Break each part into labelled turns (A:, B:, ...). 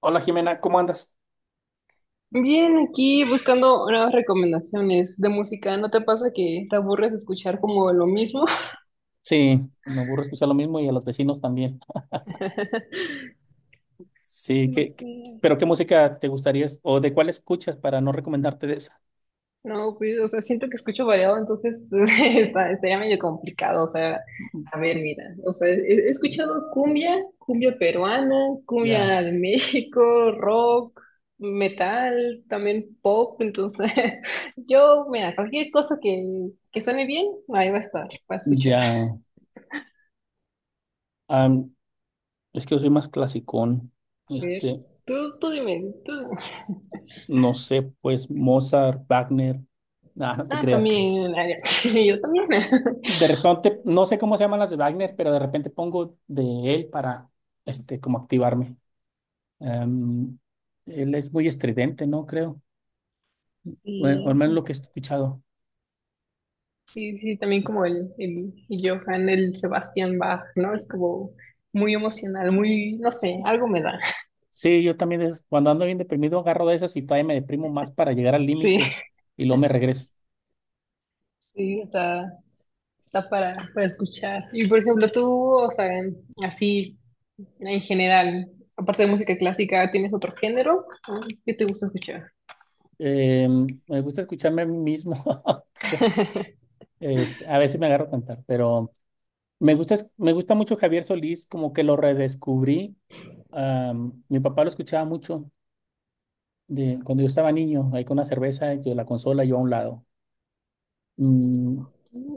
A: Hola Jimena, ¿cómo andas?
B: Bien, aquí buscando nuevas recomendaciones de música. ¿No te pasa que te aburres de escuchar como lo mismo?
A: Sí, me aburre escuchar lo mismo y a los vecinos también. Sí,
B: No sé.
A: pero qué música te gustaría o de cuál escuchas para no recomendarte de esa?
B: No, pues, o sea, siento que escucho variado, entonces está, sería medio complicado. O sea, a ver, mira, o sea, he escuchado cumbia, cumbia peruana, cumbia
A: Ya,
B: de México, rock, metal, también pop. Entonces, yo, mira, cualquier cosa que suene bien, ahí va a estar, va a escuchar.
A: ya. Am, es que yo soy más clasicón.
B: A ver,
A: Este,
B: tú dime, tú.
A: no sé, pues Mozart, Wagner. Nah, no te
B: Ah,
A: creas.
B: también, Arias. Yo también.
A: De repente, no sé cómo se llaman las de Wagner, pero de repente pongo de él para, como activarme. Am, él es muy estridente, ¿no? Creo. Bueno, al
B: Sí,
A: menos
B: sí,
A: lo que he escuchado.
B: sí, sí, también como el Johann, el Sebastián Bach, ¿no? Es como muy emocional, muy, no sé, algo me da.
A: Sí, yo también cuando ando bien deprimido agarro de esas y todavía me deprimo más para llegar al
B: Sí,
A: límite y luego me regreso.
B: sí, está, está para escuchar. Y por ejemplo, tú, o sea, así en general, aparte de música clásica, ¿tienes otro género? ¿Qué te gusta escuchar?
A: Eh, me gusta escucharme a mí mismo. A veces me agarro a cantar, pero me gusta, me gusta mucho Javier Solís, como que lo redescubrí. Mi papá lo escuchaba mucho cuando yo estaba niño, ahí con una cerveza, yo la consola, yo a un lado. Mm,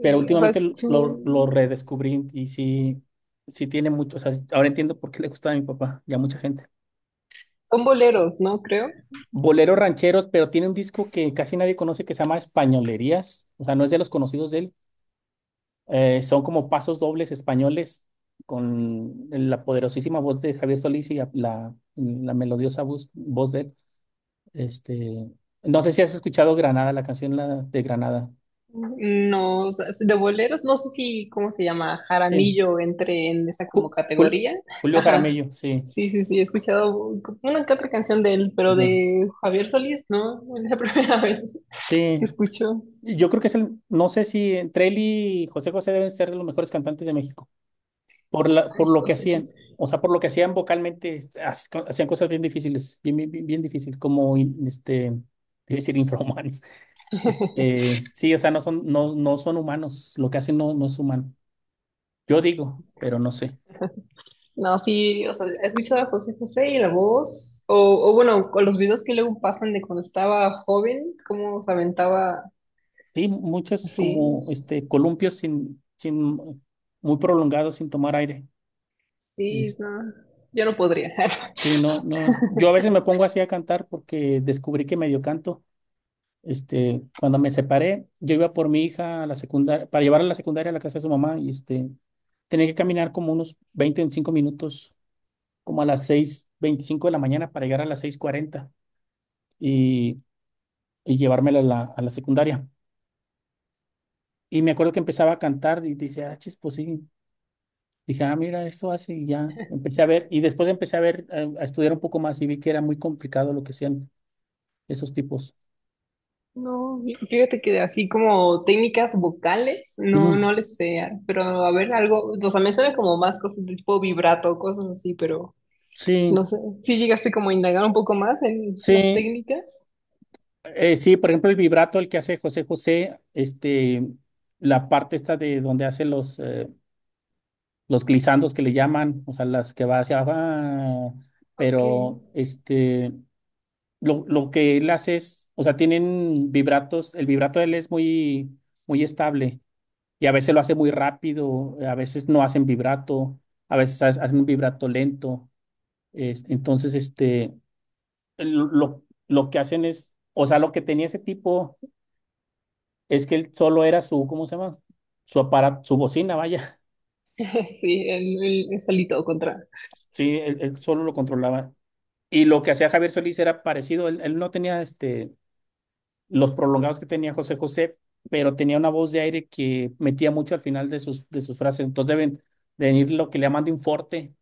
A: pero
B: o sea,
A: últimamente lo
B: son,
A: redescubrí y sí, sí tiene mucho, o sea, ahora entiendo por qué le gustaba a mi papá y a mucha gente.
B: son boleros, ¿no? Creo.
A: Boleros rancheros, pero tiene un disco que casi nadie conoce que se llama Españolerías, o sea, no es de los conocidos de él. Son como pasos dobles españoles con la poderosísima voz de Javier Solís y la melodiosa voz de él. Este, no sé si has escuchado Granada, la canción la de Granada.
B: No, o sea, de boleros, no sé si, ¿cómo se llama?
A: Sí,
B: Jaramillo entre en esa
A: Ju-
B: como
A: Jul-
B: categoría.
A: Julio
B: Ajá.
A: Jaramillo, sí.
B: Sí, sí, sí, he escuchado una que otra canción de él, pero
A: Lo-
B: de Javier Solís, ¿no? Es la primera vez que
A: Sí,
B: escucho.
A: yo creo que no sé si entre él y José José deben ser de los mejores cantantes de México. por la,
B: Ay,
A: por lo que
B: José
A: hacían,
B: José.
A: o sea, por lo que hacían vocalmente, hacían cosas bien difíciles, bien, bien, bien, bien difíciles, como iba a decir infrahumanos. Sí, o sea, no son, no, no son humanos, lo que hacen no, no es humano. Yo digo, pero no sé.
B: No, sí, o sea, he escuchado a José José y la voz, o bueno, con los videos que luego pasan de cuando estaba joven, cómo se aventaba
A: Sí, muchas
B: así.
A: como columpios sin muy prolongados, sin tomar aire.
B: Sí,
A: Es-
B: no, yo no podría.
A: Sí, no, no. Yo a veces me pongo así a cantar porque descubrí que medio canto. Cuando me separé, yo iba por mi hija a la secundaria, para llevarla a la secundaria a la casa de su mamá, y tenía que caminar como unos 20, 25 minutos, como a las 6:25 de la mañana para llegar a las 6:40 y, y llevármela a a la secundaria. Y me acuerdo que empezaba a cantar y dice, ah, chis, pues sí. Dije, ah, mira, esto hace y ya. Empecé a ver, y después empecé a ver, a, estudiar un poco más y vi que era muy complicado lo que hacían esos tipos.
B: No, fíjate que así como técnicas vocales, no,
A: Ujú.
B: no les sé, pero a ver, algo, o sea, me suena como más cosas de tipo vibrato, cosas así, pero no
A: Sí,
B: sé, si llegaste como a indagar un poco más en las
A: sí.
B: técnicas.
A: Sí, por ejemplo, el vibrato, el que hace José José, la parte esta de donde hace los glisandos que le llaman, o sea, las que va hacia abajo,
B: Ok,
A: pero lo que él hace es, o sea, tienen vibratos, el vibrato de él es muy, muy estable y a veces lo hace muy rápido, a veces no hacen vibrato, a veces hacen un vibrato lento, entonces, lo, lo que hacen es, o sea, lo que tenía ese tipo. Es que él solo era su, ¿cómo se llama? Su aparato, su bocina, vaya.
B: sí, el solito contra.
A: Sí, él solo lo controlaba. Y lo que hacía Javier Solís era parecido. Él no tenía los prolongados que tenía José José, pero tenía una voz de aire que metía mucho al final de sus frases. Entonces deben de venir lo que le llaman de un forte,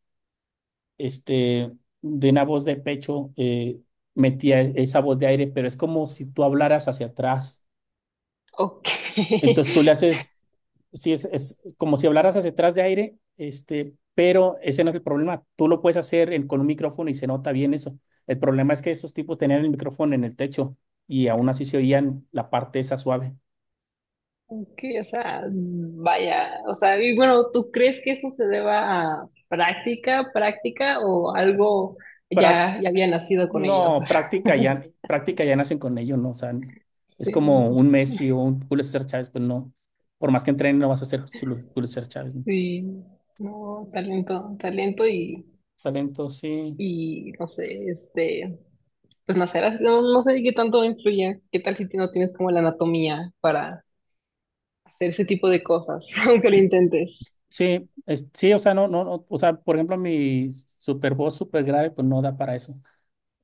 A: este, de una voz de pecho, metía esa voz de aire, pero es como si tú hablaras hacia atrás.
B: Ok,
A: Entonces tú le
B: sí.
A: haces, sí, es como si hablaras hacia atrás de aire, pero ese no es el problema. Tú lo puedes hacer con un micrófono y se nota bien eso. El problema es que esos tipos tenían el micrófono en el techo y aún así se oían la parte esa suave.
B: Que, o sea, vaya, o sea, y bueno, ¿tú crees que eso se deba a práctica, práctica o algo
A: Prac-
B: ya, ya había nacido con ellos?
A: no, práctica ya nacen con ello, ¿no? O sea, es como
B: Sí,
A: un Messi o un Julio César Chávez, pues no. Por más que entrenen, no vas a ser Julio César Chávez, ¿no?
B: sí, no, talento, talento
A: Talento, sí.
B: y no sé, este, pues nacer así, no, no sé qué tanto influye, qué tal si no tienes como la anatomía para hacer ese tipo de cosas, aunque lo intentes.
A: Sí, sí, o sea, no, no, no, o sea, por ejemplo, mi super voz super grave, pues no da para eso.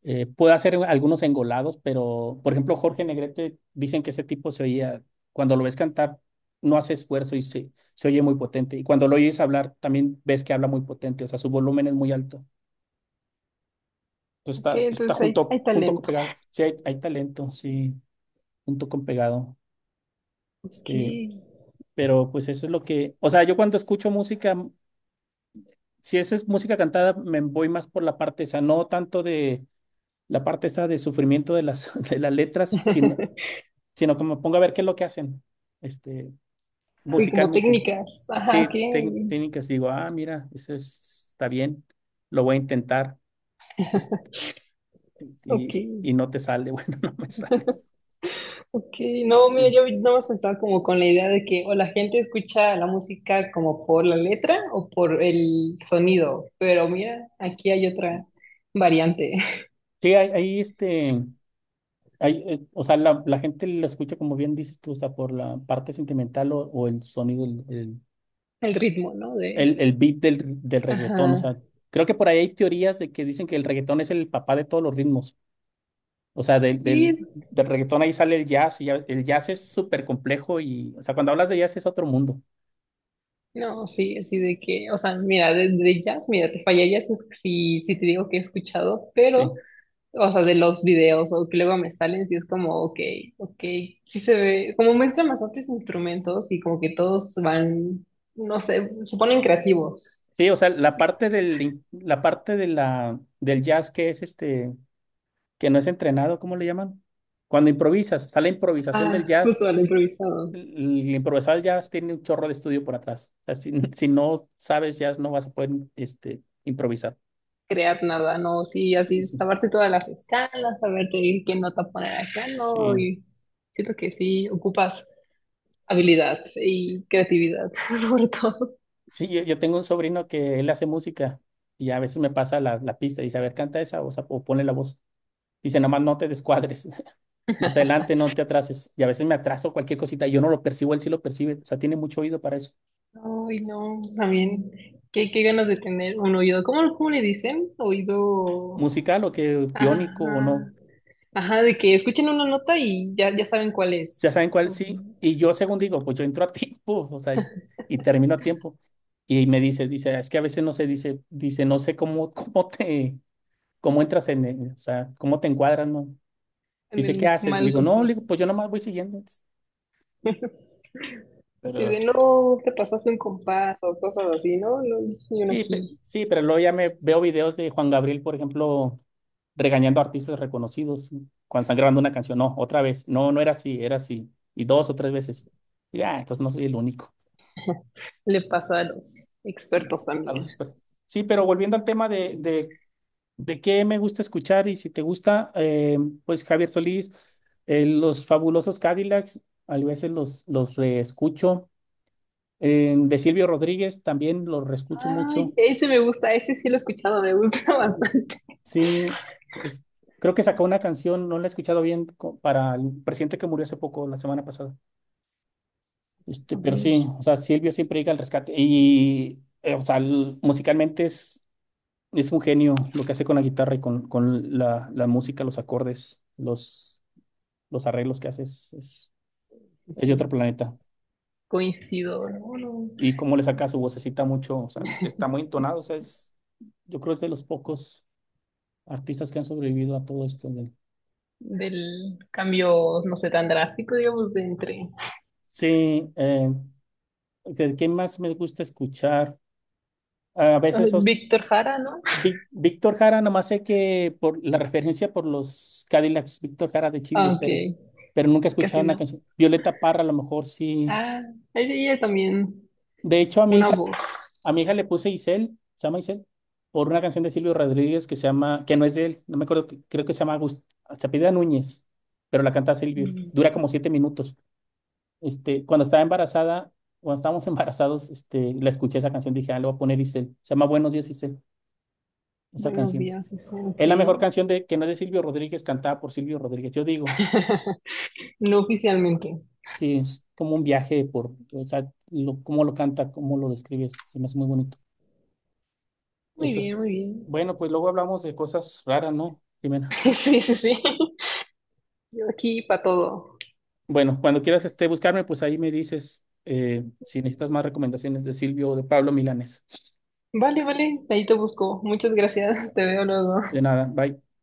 A: Puedo hacer algunos engolados, pero, por ejemplo, Jorge Negrete, dicen que ese tipo se oía, cuando lo ves cantar, no hace esfuerzo y se oye muy potente. Y cuando lo oyes hablar, también ves que habla muy potente, o sea, su volumen es muy alto. Entonces,
B: Ok,
A: está
B: entonces hay,
A: junto,
B: hay
A: junto con
B: talento.
A: pegado. Sí, hay talento, sí, junto con pegado.
B: Ok,
A: Este,
B: y
A: pero pues eso es lo que, o sea, yo cuando escucho música, si esa es música cantada, me voy más por la parte esa, no tanto de la parte esta de sufrimiento de las, de las letras, sino que me ponga a ver qué es lo que hacen, este,
B: como
A: musicalmente.
B: técnicas, ajá, ok,
A: Sí, técnicas, digo, ah, mira, eso está bien, lo voy a intentar, este,
B: ok.
A: y no te sale, bueno, no me sale.
B: Ok, no, mira,
A: Sí,
B: yo nada más estaba como con la idea de que o la gente escucha la música como por la letra o por el sonido, pero mira, aquí hay otra variante.
A: sí, ahí, hay, o sea, la gente lo escucha como bien dices tú, o sea, por la parte sentimental o, el sonido, el,
B: El ritmo, ¿no? De,
A: el, el beat del reggaetón. O
B: ajá,
A: sea, creo que por ahí hay teorías de que dicen que el reggaetón es el papá de todos los ritmos. O sea, del,
B: sí,
A: del,
B: es,
A: del reggaetón ahí sale el jazz y el jazz es súper complejo y, o sea, cuando hablas de jazz es otro mundo.
B: no, sí, así de que, o sea, mira, de jazz, mira, te fallarías si, si te digo que he escuchado, pero
A: Sí.
B: o sea, de los videos o que luego me salen, sí es como, ok, ok, sí se ve, como muestran bastantes instrumentos y como que todos van, no sé, se ponen creativos.
A: Sí, o sea, la parte del jazz que es que no es entrenado, ¿cómo le llaman? Cuando improvisas, o sea, la improvisación del
B: Ah,
A: jazz,
B: justo al improvisado.
A: improvisado del jazz tiene un chorro de estudio por atrás. O sea, si, si no sabes jazz, no vas a poder, improvisar.
B: Crear nada, no, sí,
A: Sí,
B: así,
A: sí.
B: saberte todas las escalas, saberte qué nota poner acá, no,
A: Sí,
B: y siento que sí, ocupas habilidad y creatividad, sobre todo.
A: sí, yo tengo un sobrino que él hace música y a veces me pasa la pista y dice, a ver, canta esa o, sea, o ponle la voz. Dice, nomás no te descuadres, no te adelante, no te atrases. Y a veces me atraso cualquier cosita y yo no lo percibo, él sí lo percibe. O sea, tiene mucho oído para eso.
B: Ay, no, también, qué, qué ganas de tener un oído, ¿cómo, cómo le dicen? Oído...
A: Musical o que biónico o no.
B: Ajá. Ajá, de que escuchen una nota y ya, ya saben cuál es.
A: Ya saben cuál
B: Vamos,
A: sí.
B: ¿no?
A: Y yo, según digo, pues yo entro a tiempo, o sea, y termino a tiempo. Y me dice, dice, es que a veces no sé, dice, no sé cómo, cómo te, cómo entras en, o sea, cómo te encuadras, ¿no?
B: En
A: Dice, ¿qué
B: el
A: haces? Le
B: mal
A: digo, no, le digo, pues
B: compás.
A: yo nomás voy siguiendo.
B: Si
A: Pero
B: de, no, te pasaste un compás o cosas así, ¿no? No, y uno
A: sí,
B: aquí
A: sí, pero luego ya me veo videos de Juan Gabriel, por ejemplo, regañando a artistas reconocidos, ¿no? Cuando están grabando una canción. No, otra vez. No, no era así, era así. Y dos o tres veces. Y ah, entonces no soy el único.
B: le pasa a los expertos
A: A los
B: también.
A: expertos. Sí, pero volviendo al tema de qué me gusta escuchar y si te gusta, pues Javier Solís, los fabulosos Cadillacs, a veces los reescucho. De Silvio Rodríguez también los reescucho
B: Ay,
A: mucho.
B: ese me gusta, ese sí lo he escuchado, me gusta bastante.
A: Sí, es- creo que sacó una canción, no la he escuchado bien, para el presidente que murió hace poco, la semana pasada. Este,
B: A
A: pero
B: ver,
A: sí, o sea, Silvio siempre llega al rescate. Y, o sea, musicalmente es un genio lo que hace con la guitarra y con la música, los acordes, los arreglos que hace, es, es,
B: sí,
A: es de otro
B: sí.
A: planeta.
B: Coincido, ¿no? No.
A: Y cómo le saca su vocecita mucho, o sea, está muy entonado, o sea, yo creo que es de los pocos artistas que han sobrevivido a todo esto.
B: Del cambio, no sé, tan drástico, digamos, de entre.
A: Sí, ¿de qué más me gusta escuchar? A
B: Ah,
A: veces
B: Víctor Jara, ¿no?
A: Víctor Jara, nomás sé que por la referencia por los Cadillacs, Víctor Jara de
B: Ah,
A: Chile,
B: ok,
A: pero, nunca he escuchado
B: casi
A: una
B: no.
A: canción. Violeta Parra, a lo mejor sí.
B: Ah, ahí sí, ella también
A: De hecho,
B: una voz.
A: a mi hija le puse Isel, se llama Isel, por una canción de Silvio Rodríguez que se llama, que no es de él, no me acuerdo, creo que se llama se apellida Núñez, pero la canta Silvio.
B: Mm.
A: Dura como 7 minutos. Cuando estaba embarazada, cuando estábamos embarazados, la escuché esa canción, dije, ah, le voy a poner Isel. Se llama Buenos días, Isel. Esa
B: Buenos
A: canción.
B: días, eso, ok.
A: Es la mejor canción de que no es de Silvio Rodríguez, cantada por Silvio Rodríguez. Yo digo,
B: No oficialmente.
A: sí, es como un viaje por, o sea, cómo lo canta, cómo lo describes, se me hace muy bonito.
B: Muy
A: Eso
B: bien,
A: es.
B: muy bien.
A: Bueno, pues luego hablamos de cosas raras, ¿no, Jimena?
B: Sí, sí, sí. Yo aquí para todo.
A: Bueno, cuando quieras buscarme, pues ahí me dices, si necesitas más recomendaciones de Silvio o de Pablo Milanés.
B: Vale, vale, ahí te busco. Muchas gracias, te veo luego.
A: De nada, bye.